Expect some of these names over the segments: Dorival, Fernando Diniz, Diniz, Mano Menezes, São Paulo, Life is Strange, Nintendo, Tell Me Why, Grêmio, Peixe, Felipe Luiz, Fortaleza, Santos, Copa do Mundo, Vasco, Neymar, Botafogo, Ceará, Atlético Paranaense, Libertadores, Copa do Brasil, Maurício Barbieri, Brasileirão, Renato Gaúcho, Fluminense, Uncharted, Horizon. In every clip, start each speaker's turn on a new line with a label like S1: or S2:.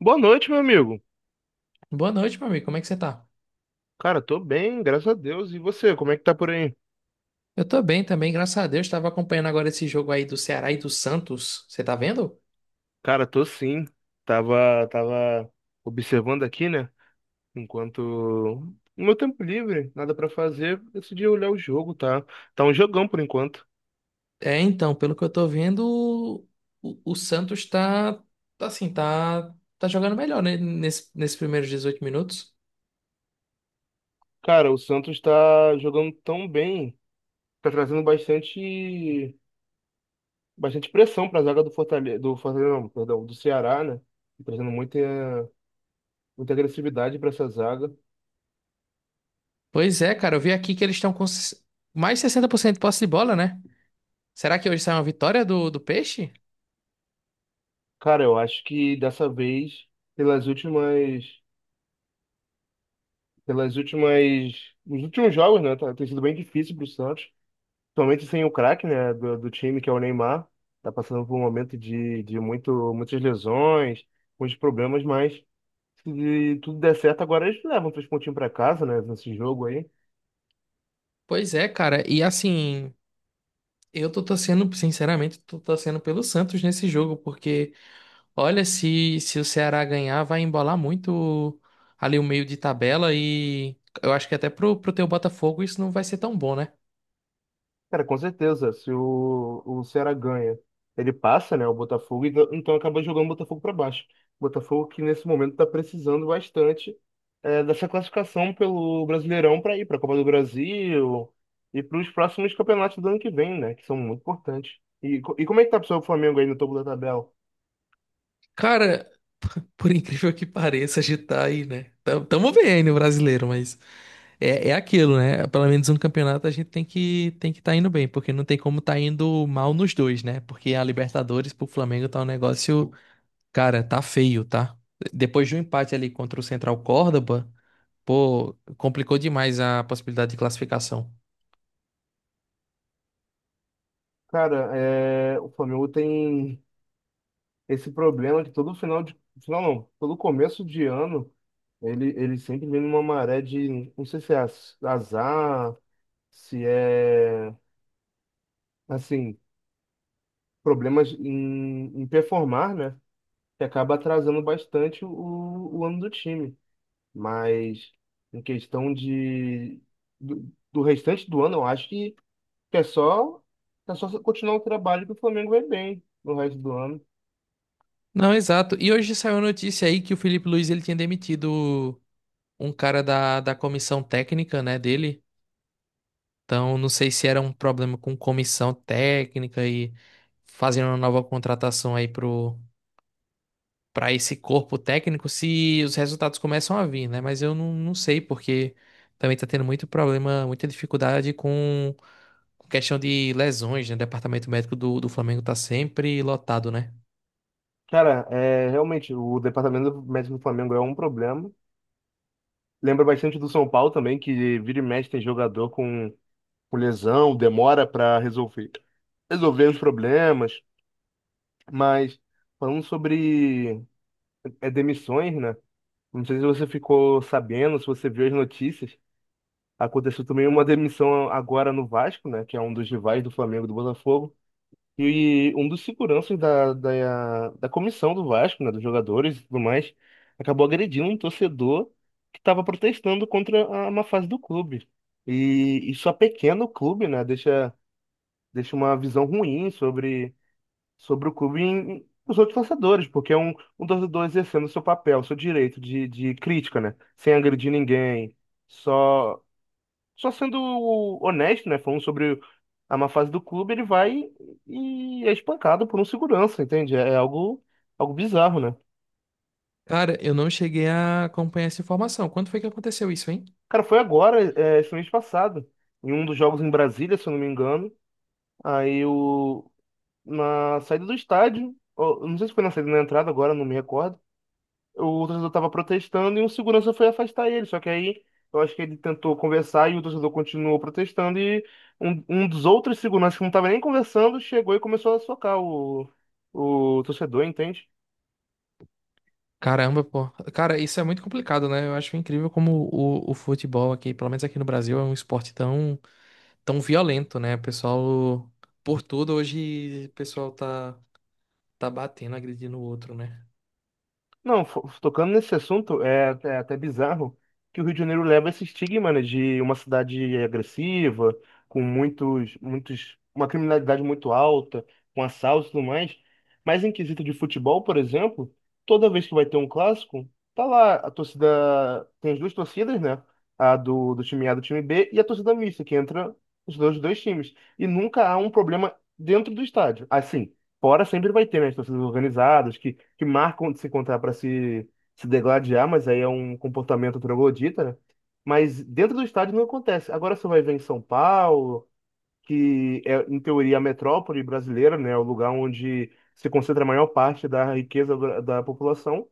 S1: Boa noite, meu amigo.
S2: Boa noite, meu amigo. Como é que você tá?
S1: Cara, tô bem, graças a Deus. E você, como é que tá por aí?
S2: Eu tô bem também, graças a Deus. Tava acompanhando agora esse jogo aí do Ceará e do Santos. Você tá vendo?
S1: Cara, tô sim. Tava observando aqui, né? Enquanto no meu tempo livre, nada pra fazer, decidi olhar o jogo, tá? Tá um jogão por enquanto.
S2: É, então, pelo que eu tô vendo, o Santos tá assim, tá jogando melhor, né? Nesses primeiros 18 minutos.
S1: Cara, o Santos tá jogando tão bem, tá trazendo bastante, bastante pressão pra zaga do Fortaleza, não, perdão, do Ceará, né? Tá trazendo muita, muita agressividade pra essa zaga.
S2: Pois é, cara, eu vi aqui que eles estão com mais 60% de posse de bola, né? Será que hoje sai uma vitória do Peixe?
S1: Cara, eu acho que dessa vez pelas últimas pelas últimas, os últimos jogos, né? Tá, tem sido bem difícil pro Santos, principalmente sem o craque, né, do time, que é o Neymar. Tá passando por um momento de muitas lesões, muitos problemas, mas se tudo der certo, agora eles levam três pontinhos para casa, né, nesse jogo aí.
S2: Pois é, cara. E assim, eu tô torcendo, sinceramente, tô torcendo pelo Santos nesse jogo, porque. Olha, se o Ceará ganhar, vai embolar muito ali o meio de tabela e eu acho que até pro teu Botafogo isso não vai ser tão bom, né?
S1: Cara, com certeza, se o Ceará ganha, ele passa, né, o Botafogo, e então acaba jogando o Botafogo para baixo. O Botafogo que nesse momento está precisando bastante dessa classificação pelo Brasileirão para ir para a Copa do Brasil e para os próximos campeonatos do ano que vem, né, que são muito importantes. E como é que tá pessoal, o Flamengo aí no topo da tabela?
S2: Cara, por incrível que pareça, a gente tá aí, né? Tamo bem aí no brasileiro, mas é aquilo, né? Pelo menos um campeonato a gente tem que tá indo bem, porque não tem como tá indo mal nos dois, né? Porque a Libertadores pro Flamengo tá um negócio, cara, tá feio, tá? Depois de um empate ali contra o Central Córdoba, pô, complicou demais a possibilidade de classificação.
S1: Cara, o Flamengo tem esse problema que todo final de. Final não, todo começo de ano, ele sempre vem numa maré de. Não sei se é azar, se é. Assim, problemas em performar, né? Que acaba atrasando bastante o ano do time. Mas, em questão de. Do restante do ano, eu acho que é só. É só continuar o trabalho que o Flamengo vai bem no resto do ano.
S2: Não, exato. E hoje saiu a notícia aí que o Felipe Luiz ele tinha demitido um cara da comissão técnica, né, dele. Então, não sei se era um problema com comissão técnica e fazendo uma nova contratação aí pro para esse corpo técnico, se os resultados começam a vir, né? Mas eu não sei porque também tá tendo muito problema, muita dificuldade com questão de lesões, né? O departamento médico do Flamengo tá sempre lotado, né?
S1: Cara, é, realmente, o departamento médico do Flamengo é um problema. Lembra bastante do São Paulo também, que vira e mexe tem jogador com lesão, demora para resolver, os problemas. Mas falando sobre demissões, né? Não sei se você ficou sabendo, se você viu as notícias. Aconteceu também uma demissão agora no Vasco, né? Que é um dos rivais do Flamengo e do Botafogo. E um dos seguranças da comissão do Vasco, né, dos jogadores e tudo mais, acabou agredindo um torcedor que estava protestando contra a má fase do clube. E isso é pequeno o clube, né, deixa uma visão ruim sobre o clube os outros torcedores, porque é um torcedor exercendo seu papel, seu direito de crítica, né, sem agredir ninguém, só só sendo honesto, né? Falando sobre a má fase do clube, ele vai e é espancado por um segurança, entende? É algo, algo bizarro, né?
S2: Cara, eu não cheguei a acompanhar essa informação. Quando foi que aconteceu isso, hein?
S1: Cara, foi agora, é, esse mês passado, em um dos jogos em Brasília, se eu não me engano. Aí, na saída do estádio, ou, não sei se foi na saída ou na entrada, agora não me recordo. O torcedor estava protestando e um segurança foi afastar ele. Só que aí eu acho que ele tentou conversar e o torcedor continuou protestando e um dos outros seguranças que não estava nem conversando chegou e começou a socar o torcedor, entende?
S2: Caramba, pô. Cara, isso é muito complicado, né? Eu acho incrível como o futebol aqui, pelo menos aqui no Brasil, é um esporte tão, tão violento, né? O pessoal, por tudo, hoje o pessoal tá batendo, agredindo o outro, né?
S1: Não, tocando nesse assunto, é até bizarro que o Rio de Janeiro leva esse estigma, né, de uma cidade agressiva, com uma criminalidade muito alta, com assaltos e tudo mais. Mas em quesito de futebol, por exemplo, toda vez que vai ter um clássico, tá lá a torcida, tem as duas torcidas, né, a do time A e do time B e a torcida mista, que entra os dois times. E nunca há um problema dentro do estádio. Assim, fora sempre vai ter, né, as torcidas organizadas que marcam de se encontrar para se, se degladiar, mas aí é um comportamento troglodita, né? Mas dentro do estádio não acontece. Agora você vai ver em São Paulo, que é, em teoria, a metrópole brasileira, né, é o lugar onde se concentra a maior parte da riqueza da população.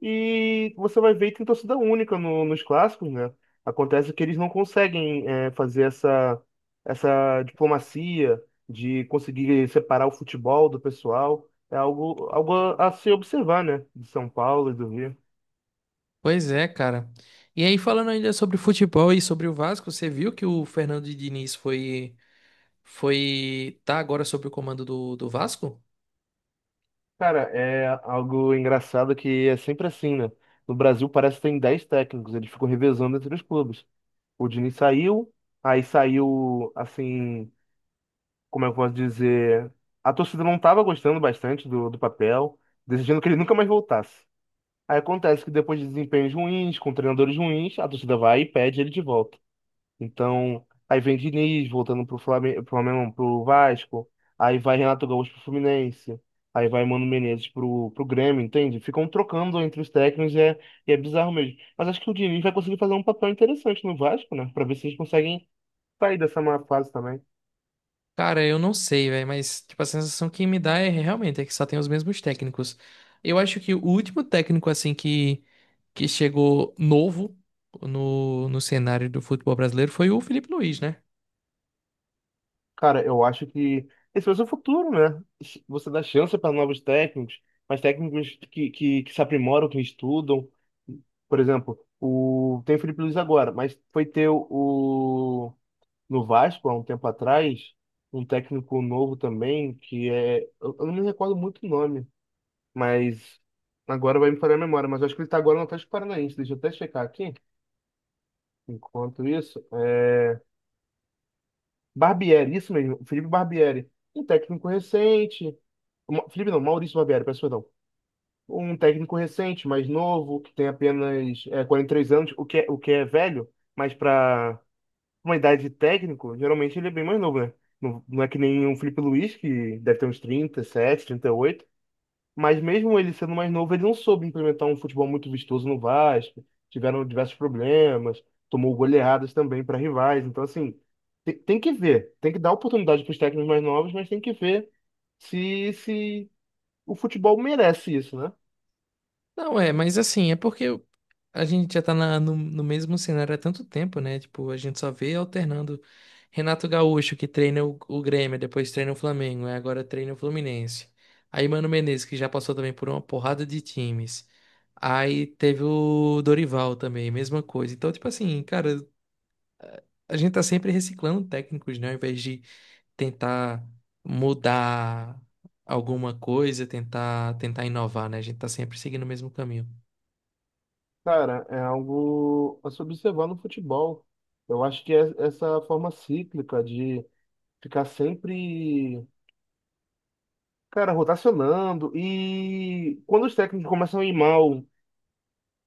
S1: E você vai ver que tem torcida única nos clássicos, né? Acontece que eles não conseguem fazer essa diplomacia de conseguir separar o futebol do pessoal. É algo, algo a se observar, né? De São Paulo e do Rio.
S2: Pois é, cara. E aí, falando ainda sobre futebol e sobre o Vasco, você viu que o Fernando Diniz tá agora sob o comando do Vasco?
S1: Cara, é algo engraçado que é sempre assim, né? No Brasil parece que tem 10 técnicos, eles ficam revezando entre os clubes. O Diniz saiu, aí saiu, assim. Como é que eu posso dizer? A torcida não estava gostando bastante do papel, decidindo que ele nunca mais voltasse. Aí acontece que depois de desempenhos ruins, com treinadores ruins, a torcida vai e pede ele de volta. Então, aí vem Diniz voltando pro Flamengo, não, pro Vasco, aí vai Renato Gaúcho pro Fluminense, aí vai Mano Menezes pro Grêmio, entende? Ficam trocando entre os técnicos e é bizarro mesmo. Mas acho que o Diniz vai conseguir fazer um papel interessante no Vasco, né? Pra ver se eles conseguem sair dessa má fase também.
S2: Cara, eu não sei, velho, mas tipo, a sensação que me dá é realmente é que só tem os mesmos técnicos. Eu acho que o último técnico, assim, que chegou novo no cenário do futebol brasileiro foi o Felipe Luiz, né?
S1: Cara, eu acho que esse vai ser o futuro, né? Você dá chance para novos técnicos, mas técnicos que se aprimoram, que estudam. Por exemplo, tem o Felipe Luiz agora, mas foi ter no Vasco há um tempo atrás, um técnico novo também, que é. Eu não me recordo muito o nome, mas agora vai me falhar a memória, mas eu acho que ele está agora no Atlético Paranaense. Deixa eu até checar aqui. Enquanto isso, Barbieri, isso mesmo, Felipe Barbieri. Um técnico recente. Felipe não, Maurício Barbieri, peço perdão. Um técnico recente, mais novo, que tem apenas 43 anos, o que é velho, mas para uma idade de técnico, geralmente ele é bem mais novo, né? Não, não é que nem o Felipe Luiz, que deve ter uns trinta, trinta sete, trinta e oito. Mas mesmo ele sendo mais novo, ele não soube implementar um futebol muito vistoso no Vasco. Tiveram diversos problemas, tomou goleadas também para rivais. Então, assim, tem que ver. Tem que dar oportunidade para os técnicos mais novos, mas tem que ver se o futebol merece isso, né?
S2: Não, é, mas assim, é porque a gente já tá no mesmo cenário há tanto tempo, né? Tipo, a gente só vê alternando Renato Gaúcho, que treina o Grêmio, depois treina o Flamengo, aí agora treina o Fluminense. Aí Mano Menezes, que já passou também por uma porrada de times. Aí teve o Dorival também, mesma coisa. Então, tipo assim, cara, a gente tá sempre reciclando técnicos, né? Ao invés de tentar mudar alguma coisa, tentar inovar, né? A gente tá sempre seguindo o mesmo caminho.
S1: Cara, é algo a se observar no futebol. Eu acho que é essa forma cíclica de ficar sempre, cara, rotacionando. E quando os técnicos começam a ir mal,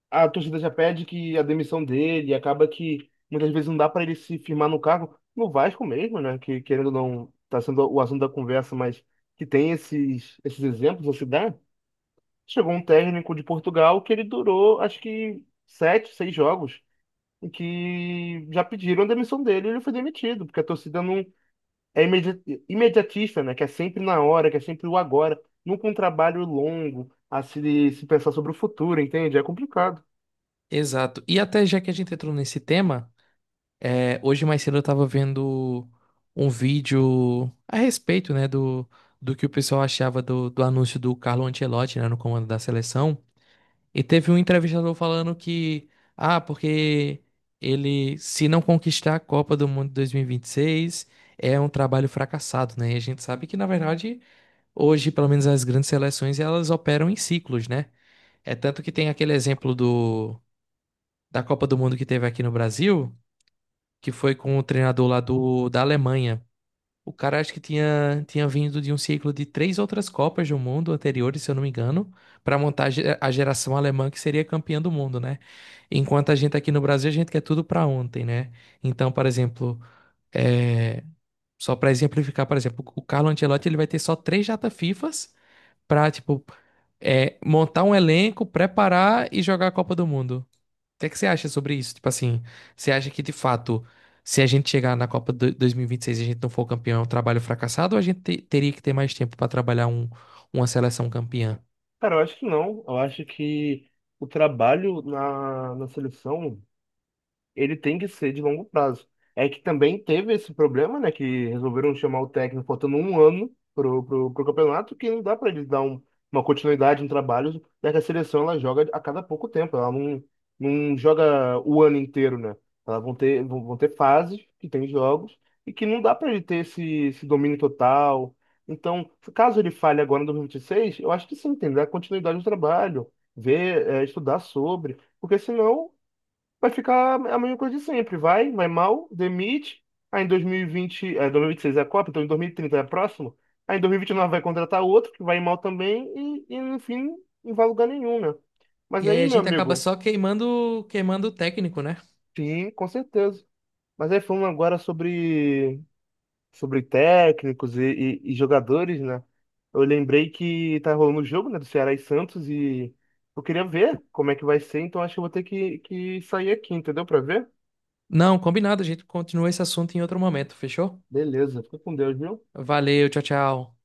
S1: a torcida já pede que a demissão dele, acaba que muitas vezes não dá para ele se firmar no cargo, no Vasco mesmo, né? Que querendo ou não, tá sendo o assunto da conversa, mas que tem esses exemplos a se dar. Chegou um técnico de Portugal que ele durou, acho que sete, seis jogos, em que já pediram a demissão dele e ele foi demitido, porque a torcida não é imedi- imediatista, né? Que é sempre na hora, que é sempre o agora, nunca um trabalho longo a se pensar sobre o futuro, entende? É complicado.
S2: Exato. E até já que a gente entrou nesse tema, é, hoje mais cedo eu tava vendo um vídeo a respeito, né, do que o pessoal achava do anúncio do Carlo Ancelotti, né, no comando da seleção. E teve um entrevistador falando que, ah, porque ele, se não conquistar a Copa do Mundo 2026, é um trabalho fracassado, né? E a gente sabe que, na verdade, hoje, pelo menos as grandes seleções, elas operam em ciclos, né? É tanto que tem aquele exemplo da Copa do Mundo que teve aqui no Brasil, que foi com o treinador lá da Alemanha. O cara acho que tinha vindo de um ciclo de três outras Copas do Mundo anteriores, se eu não me engano, para montar a geração alemã que seria campeã do mundo, né? Enquanto a gente aqui no Brasil, a gente quer tudo para ontem, né? Então, por exemplo, é, só para exemplificar, por exemplo, o Carlo Ancelotti ele vai ter só três data FIFAs para, tipo, é, montar um elenco, preparar e jogar a Copa do Mundo. O que é que você acha sobre isso? Tipo assim, você acha que de fato, se a gente chegar na Copa 2026 e vinte e seis e a gente não for campeão, é um trabalho fracassado ou a gente teria que ter mais tempo pra trabalhar uma seleção campeã?
S1: Cara, eu acho que não. Eu acho que o trabalho na seleção ele tem que ser de longo prazo. É que também teve esse problema, né? Que resolveram chamar o técnico faltando um ano pro campeonato, que não dá para ele dar uma continuidade em trabalhos, já que a seleção ela joga a cada pouco tempo, ela não joga o ano inteiro, né? Elas vão ter, vão ter fases que tem jogos e que não dá para ele ter esse domínio total. Então, caso ele falhe agora em 2026, eu acho que sim, tem que dar continuidade ao trabalho, ver, estudar sobre. Porque senão vai ficar a mesma coisa de sempre. Vai, vai mal, demite. Aí em 2026 é a Copa, então em 2030 é a próxima. Aí em 2029 vai contratar outro que vai mal também e enfim, não vai a lugar nenhum, né? Mas
S2: E aí
S1: aí,
S2: a
S1: meu
S2: gente acaba
S1: amigo,
S2: só queimando o técnico, né?
S1: sim, com certeza. Mas aí falando agora sobre técnicos e jogadores, né? Eu lembrei que tá rolando o jogo, né, do Ceará e Santos e eu queria ver como é que vai ser, então acho que eu vou ter que sair aqui, entendeu? Pra ver?
S2: Não, combinado, a gente continua esse assunto em outro momento, fechou?
S1: Beleza, fica com Deus, viu?
S2: Valeu, tchau, tchau.